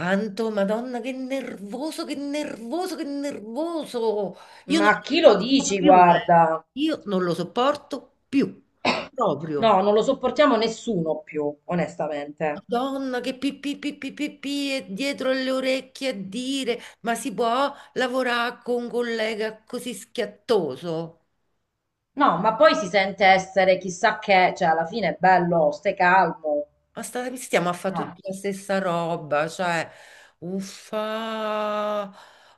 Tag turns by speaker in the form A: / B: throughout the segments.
A: Anto, Madonna, che nervoso, che nervoso, che nervoso. Io non
B: Ma
A: lo
B: chi lo
A: sopporto
B: dici,
A: più, eh.
B: guarda?
A: Io non lo sopporto più, proprio.
B: No, non lo sopportiamo nessuno più, onestamente.
A: Madonna, che pi pi pi pi pi pi è dietro alle orecchie a dire, ma si può lavorare con un collega così schiattoso?
B: No, ma poi si sente essere chissà che, cioè alla fine è bello, stai calmo.
A: Ma state stiamo a fare tutti
B: Ah,
A: la stessa roba, cioè, uffa,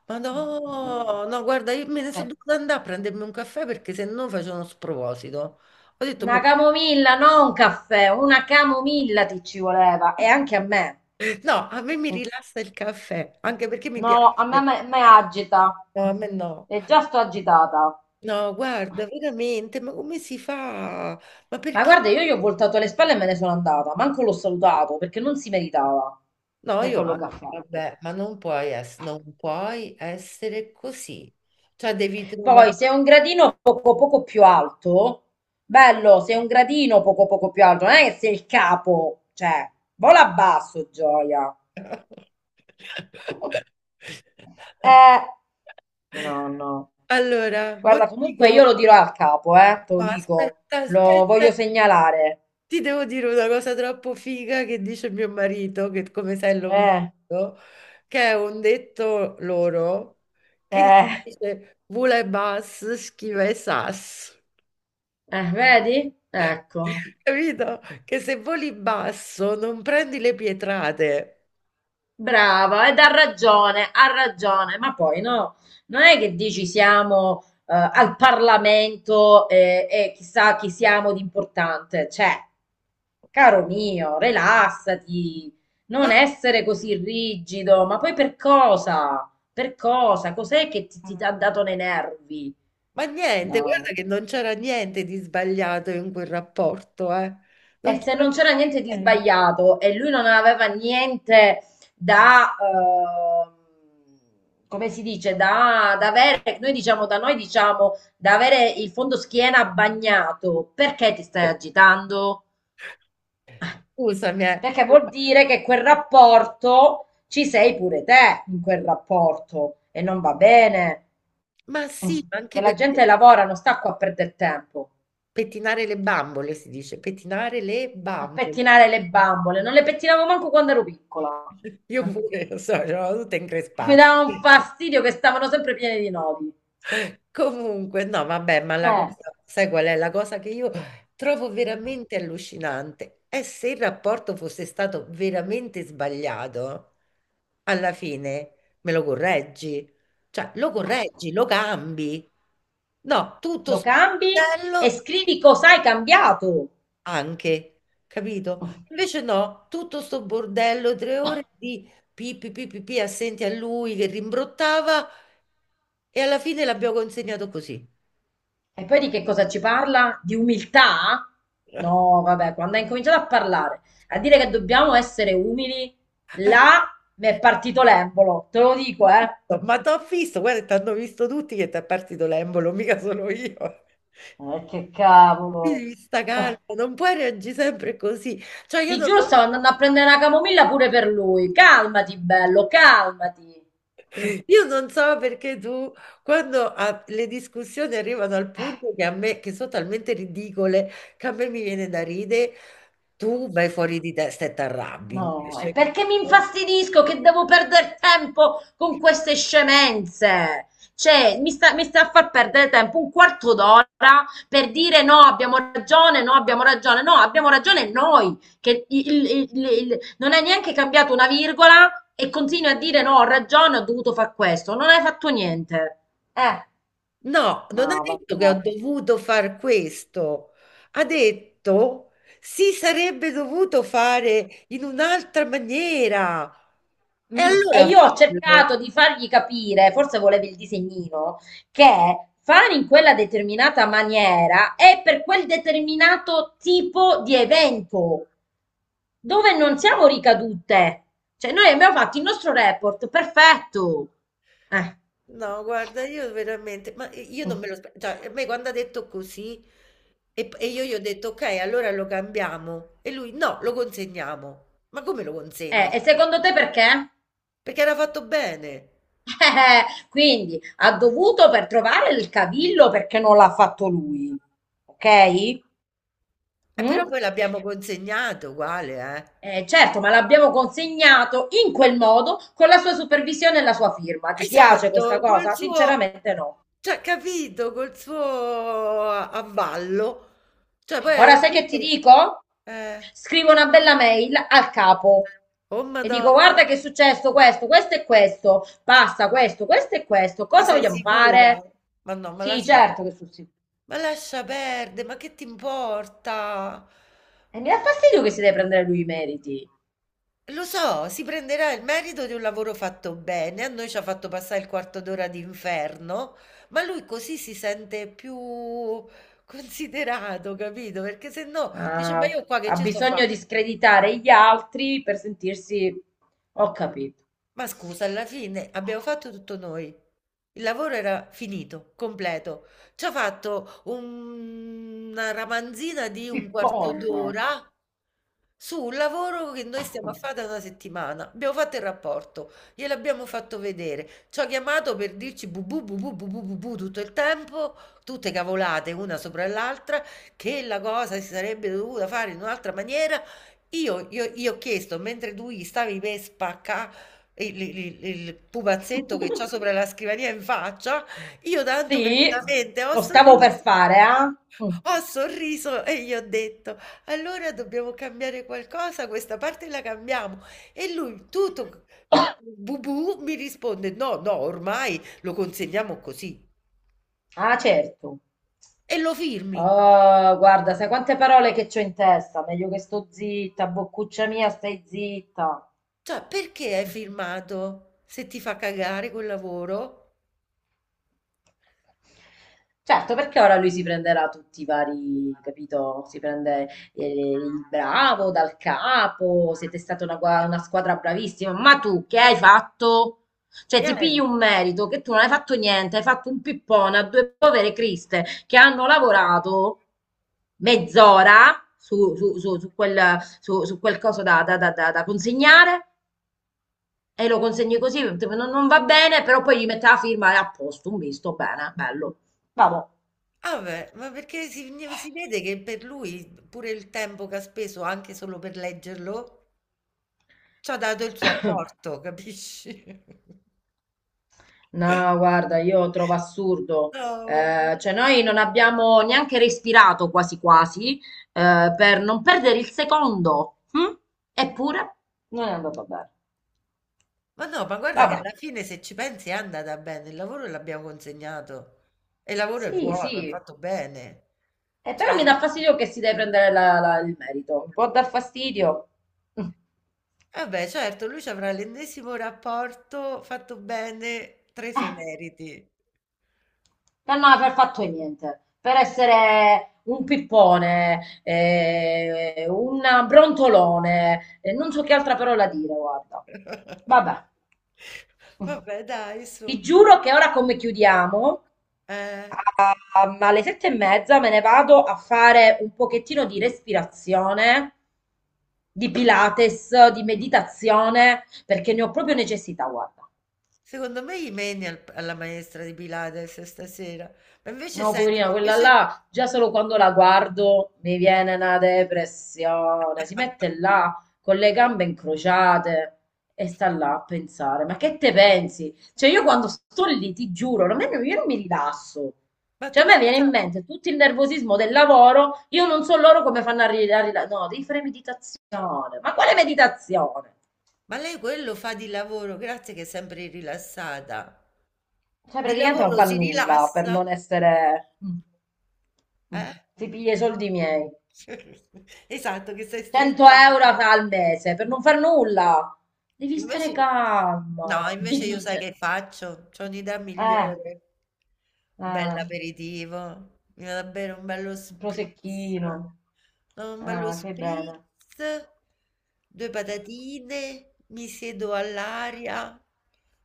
A: ma
B: no, no. No.
A: no, no, guarda, io me ne sono
B: Cioè,
A: dovuta andare a prendermi un caffè perché se no facevo uno sproposito. Ho detto, "Mo-
B: una camomilla, non un caffè, una camomilla ti ci voleva e anche a me.
A: no, a me mi rilassa il caffè, anche perché mi
B: No, a me
A: piace.
B: me agita.
A: No, a me no.
B: E già sto agitata.
A: No, guarda, veramente, ma come si fa? Ma
B: Ma
A: perché?
B: guarda, io gli ho voltato le spalle e me ne sono andata, manco l'ho salutato perché non si meritava
A: No,
B: per
A: io
B: quello che
A: anche,
B: ha fatto.
A: vabbè, ma non puoi essere così. Cioè, devi trovare...
B: Poi se è un gradino poco poco più alto, bello, se è un gradino poco poco più alto, non è che sei il capo, cioè, vola basso, gioia. Eh, no, no.
A: Allora, mo
B: Guarda,
A: ti
B: comunque io
A: dico...
B: lo dirò al capo, te lo
A: Ma
B: dico,
A: aspetta,
B: lo voglio
A: aspetta,
B: segnalare.
A: ti devo dire una cosa troppo figa che dice mio marito, che come sai è
B: Eh,
A: lombardo, che è un detto loro che
B: eh,
A: dice vule bas, schiva e sas.
B: eh, vedi? Ecco.
A: Capito? Che se voli basso non prendi le pietrate.
B: Brava, ed ha ragione, ma poi no, non è che dici siamo al Parlamento e chissà chi siamo di importante, cioè, caro mio, rilassati,
A: Ma,
B: non essere così rigido, ma poi per cosa? Per cosa? Cos'è che ti ha dato nei nervi?
A: ma niente, guarda
B: No.
A: che non c'era niente di sbagliato in quel rapporto, eh.
B: E
A: Non
B: se
A: c'era
B: non c'era niente di
A: niente.
B: sbagliato e lui non aveva niente da, come si dice, da avere, noi diciamo, da avere il fondo schiena bagnato, perché ti stai agitando?
A: Scusami, eh.
B: Perché vuol dire che quel rapporto ci sei pure te in quel rapporto e non va bene.
A: Ma
B: Mm.
A: sì, ma
B: Che
A: anche
B: la
A: perché
B: gente lavora, non sta qua a perdere tempo,
A: pettinare le bambole, si dice, pettinare le
B: a
A: bambole.
B: pettinare le bambole. Non le pettinavo manco quando ero piccola.
A: Io
B: Eh.
A: pure, lo so, sono tutta
B: Mi
A: increspata.
B: dava un fastidio che stavano sempre pieni di nodi.
A: Comunque, no, vabbè, ma la
B: Eh,
A: cosa, sai qual è? La cosa che io trovo veramente allucinante è se il rapporto fosse stato veramente sbagliato, alla fine me lo correggi, cioè lo correggi, lo cambi. No, tutto
B: lo
A: sto
B: cambi e
A: bordello
B: scrivi cosa hai cambiato.
A: anche, capito? Invece no, tutto sto bordello, tre ore di pi, pi, pi, pi, pi, assenti a lui che rimbrottava e alla fine l'abbiamo consegnato così.
B: E poi di che cosa ci parla? Di umiltà? No, vabbè, quando hai incominciato a parlare, a dire che dobbiamo essere umili, là mi è partito l'embolo, te lo dico, eh.
A: Ma t'ho visto, guarda, t'hanno visto tutti che ti è partito l'embolo, mica solo io.
B: Che
A: Quindi
B: cavolo.
A: devi sta calma,
B: Ah,
A: non puoi reagire sempre così. Cioè,
B: ti giuro, stavo andando a prendere una camomilla pure per lui. Calmati, bello, calmati.
A: io non so perché tu, quando le discussioni arrivano al punto che a me, che sono talmente ridicole, che a me mi viene da ridere. Tu vai fuori di testa e t'arrabbi
B: No, è
A: invece.
B: perché mi infastidisco che devo perdere tempo con queste scemenze. Cioè, mi sta a far perdere tempo un quarto d'ora per dire no, abbiamo ragione, no, abbiamo ragione, no, abbiamo ragione noi, che non hai neanche cambiato una virgola e continui a dire no, ho ragione, ho dovuto fare questo, non hai fatto niente. Eh,
A: No, non ha
B: no,
A: detto che ho
B: vabbè.
A: dovuto far questo, ha detto si sarebbe dovuto fare in un'altra maniera. E
B: Mm.
A: allora
B: E io ho
A: fallo.
B: cercato di fargli capire, forse volevi il disegnino, che fare in quella determinata maniera è per quel determinato tipo di evento dove non siamo ricadute. Cioè, noi abbiamo fatto il nostro report, perfetto. Eh.
A: No, guarda, io veramente, ma io non
B: Mm.
A: me lo aspettavo, cioè, a me quando ha detto così e io gli ho detto ok, allora lo cambiamo e lui no, lo consegniamo. Ma come lo consegni?
B: E secondo te perché?
A: Perché era fatto bene.
B: Quindi ha dovuto per trovare il cavillo perché non l'ha fatto lui. Ok?
A: Però
B: Mm?
A: poi l'abbiamo consegnato uguale, eh.
B: Certo, ma l'abbiamo consegnato in quel modo, con la sua supervisione e la sua firma. Ti piace
A: Esatto,
B: questa
A: esatto, col
B: cosa?
A: suo,
B: Sinceramente no.
A: cioè capito, col suo avallo. Cioè poi
B: Ora
A: alla
B: sai che ti
A: fine
B: dico?
A: eh.
B: Scrivo una bella mail al capo
A: Oh
B: e dico:
A: madonna,
B: guarda che è successo questo, questo e questo, passa questo, questo e questo.
A: ma
B: Cosa
A: sei
B: vogliamo
A: sicura?
B: fare?
A: Ma no,
B: Sì, certo che sul sicuro.
A: ma lascia perdere, ma che ti importa?
B: E mi dà fastidio che si deve prendere lui i meriti.
A: Lo so, si prenderà il merito di un lavoro fatto bene, a noi ci ha fatto passare il quarto d'ora di inferno, ma lui così si sente più considerato, capito? Perché se no dice,
B: Ah,
A: ma io
B: ok,
A: qua che
B: ha
A: ci sto a
B: bisogno
A: fa'?
B: di screditare gli altri per sentirsi. Ho capito.
A: Ma scusa, alla fine abbiamo fatto tutto noi. Il lavoro era finito, completo. Ci ha fatto una ramanzina di un quarto
B: Pippone.
A: d'ora su un lavoro che noi stiamo a fare da una settimana. Abbiamo fatto il rapporto, gliel'abbiamo fatto vedere. Ci ha chiamato per dirci bu bu bu bu bu bu bu bu tutto il tempo, tutte cavolate una sopra l'altra, che la cosa si sarebbe dovuta fare in un'altra maniera. Io ho chiesto, mentre tu gli stavi per spaccà il pupazzetto che c'ha sopra la scrivania in faccia, io tanto
B: Sì,
A: carinamente
B: lo stavo per fare, ah? Mm.
A: ho sorriso e gli ho detto, allora dobbiamo cambiare qualcosa, questa parte la cambiamo. E lui, tutto bubù, mi risponde, no, no, ormai lo consegniamo così.
B: Ah, certo.
A: E lo firmi.
B: Oh, guarda, sai quante parole che c'ho in testa? Meglio che sto zitta, boccuccia mia, stai zitta.
A: Cioè, perché hai firmato se ti fa cagare quel lavoro?
B: Certo, perché ora lui si prenderà tutti i vari, capito? Si prende il bravo dal capo, siete stata una squadra bravissima, ma tu che hai fatto? Cioè, ti pigli
A: Niente.
B: un merito che tu non hai fatto niente, hai fatto un pippone a due povere criste che hanno lavorato mezz'ora su quel, su quel coso da consegnare e lo consegni così, non va bene, però poi gli mette la firma e a posto, un visto, bene, bello. Vabbò.
A: Ah beh, ma perché si vede che per lui pure il tempo che ha speso anche solo per leggerlo, c'ha dato il suo apporto, capisci?
B: No, guarda, io trovo assurdo.
A: No,
B: Cioè,
A: vabbè.
B: noi non abbiamo neanche respirato quasi quasi per non perdere il secondo. Hm? Eppure non è andato bene.
A: Ma no, ma guarda che
B: Vabbè.
A: alla fine se ci pensi è andata bene, il lavoro l'abbiamo consegnato e il lavoro è
B: Sì,
A: buono, è
B: sì.
A: fatto bene.
B: Però
A: Cioè,
B: mi dà fastidio che si deve prendere il merito. Può dar fastidio. Mm.
A: vabbè, certo, lui ci avrà l'ennesimo rapporto fatto bene, tre se meriti.
B: Per non aver fatto niente, per essere un pippone, un brontolone, non so che altra parola dire, guarda. Vabbè.
A: Vabbè, dai,
B: Ti
A: su.
B: giuro che ora come chiudiamo,
A: Eh,
B: a- alle 7:30 me ne vado a fare un pochettino di respirazione, di Pilates, di meditazione, perché ne ho proprio necessità, guarda.
A: secondo me gli meni alla maestra di Pilates stasera. Ma invece
B: No,
A: senti, ma
B: poverina, quella
A: invece... di-
B: là, già solo quando la guardo mi viene una depressione. Si mette là con le gambe incrociate e sta là a pensare. Ma che te pensi? Cioè, io quando sto lì, ti giuro, a me non- io non mi rilasso.
A: Ma
B: Cioè,
A: tu
B: a me viene
A: pensa...
B: in mente tutto il nervosismo del lavoro, io non so loro come fanno a rilassare. No, devi fare meditazione. Ma quale meditazione?
A: Ma lei quello fa di lavoro, grazie che è sempre rilassata.
B: Cioè,
A: Di
B: praticamente non
A: lavoro
B: fa
A: si
B: nulla per
A: rilassa,
B: non essere. Mm, mm.
A: eh?
B: Ti piglia i soldi miei.
A: Esatto, che sei
B: 100
A: stressato.
B: euro al mese per non far nulla. Devi stare
A: Invece no,
B: calma, mi
A: invece io sai
B: dice.
A: che faccio? C'ho un'idea
B: Eh,
A: migliore.
B: eh,
A: Bell'aperitivo, mi vado a bere un bello
B: un
A: spritz.
B: prosecchino.
A: No, un bello
B: Ah, fai bene.
A: spritz, due patatine, mi siedo all'aria,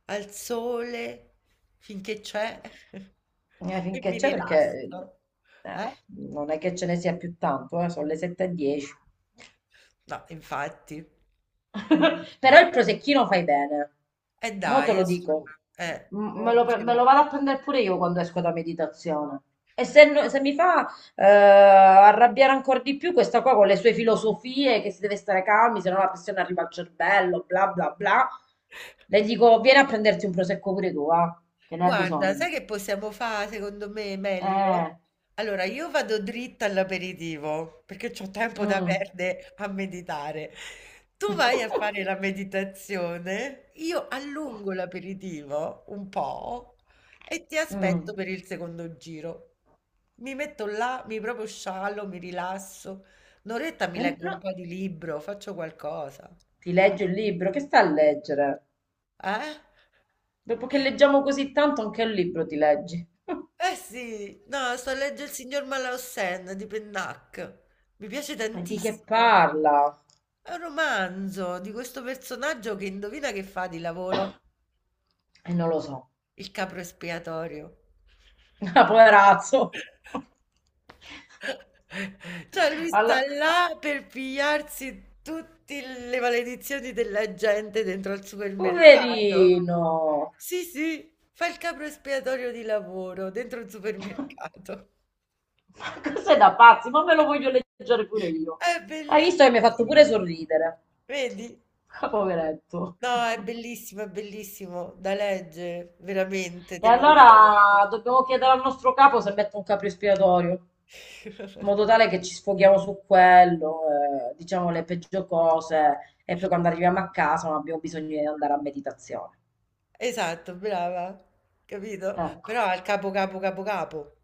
A: al sole, finché c'è, e
B: Finché
A: mi
B: c'è perché
A: rilasso.
B: eh,
A: Eh?
B: non è che ce ne sia più tanto, sono le 7.10.
A: No, infatti.
B: Però il prosecchino fai bene.
A: E
B: Mo te
A: dai, è
B: lo
A: su-
B: dico. M- Me lo, pre-
A: ci
B: me
A: va.
B: lo vado a prendere pure io quando esco da meditazione. E se mi fa arrabbiare ancora di più questa qua con le sue filosofie, che si deve stare calmi, se no la pressione arriva al cervello, bla bla bla, le dico, vieni a prenderti un prosecco pure tu, va, che ne hai
A: Guarda,
B: bisogno.
A: sai che possiamo fare secondo me meglio?
B: Eh,
A: Allora, io vado dritta all'aperitivo perché ho tempo da
B: mm.
A: perdere a meditare. Tu vai a fare la meditazione, io allungo l'aperitivo un po' e ti aspetto
B: Mm.
A: per il secondo giro. Mi metto là, mi proprio sciallo, mi rilasso. Un'oretta mi leggo un
B: No,
A: po' di libro, faccio qualcosa.
B: ti leggi il libro, che sta a leggere?
A: Eh?
B: Dopo che leggiamo così tanto, anche il libro ti leggi.
A: Eh sì, no, sto a leggere Il signor Malaussen di Pennac. Mi piace
B: E di che
A: tantissimo.
B: parla?
A: È un romanzo di questo personaggio che indovina che fa di lavoro
B: E non lo so.
A: il capro espiatorio.
B: Ah, poverazzo.
A: Cioè, lui sta
B: Allora,
A: là per pigliarsi tutte le maledizioni della gente dentro al supermercato.
B: poverino.
A: Sì, sì, fa il capro espiatorio di lavoro dentro il supermercato.
B: Ma cos'è da pazzi? Ma me lo voglio leggere pure io.
A: È
B: Hai visto che mi hai fatto pure
A: bellissimo.
B: sorridere.
A: Vedi?
B: Ah, poveretto.
A: No, è bellissimo da leggere, veramente,
B: E
A: te lo devi
B: allora
A: leggere.
B: dobbiamo chiedere al nostro capo se mette un capro espiatorio, in modo tale che ci sfoghiamo su quello, diciamo le peggio cose, e poi quando arriviamo a casa non abbiamo bisogno di andare a meditazione.
A: Esatto, brava, capito?
B: Ecco.
A: Però al capo, capo, capo, capo.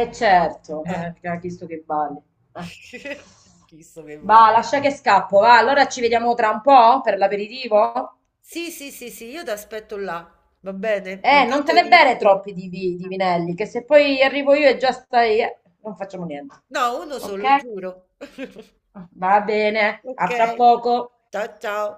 B: E certo,
A: Eh.
B: ha chiesto che balli. Eh.
A: Chissà che
B: Va,
A: vale.
B: lascia che scappo, va. Allora ci vediamo tra un po' per l'aperitivo.
A: Sì, sì, sì, sì, io ti aspetto là, va bene?
B: Non te
A: Intanto
B: ne bere
A: inizio.
B: troppi di vinelli, che se poi arrivo io e già stai, non facciamo niente.
A: No, uno
B: Ok?
A: solo, giuro.
B: Va bene,
A: Ok,
B: a fra poco.
A: ciao ciao.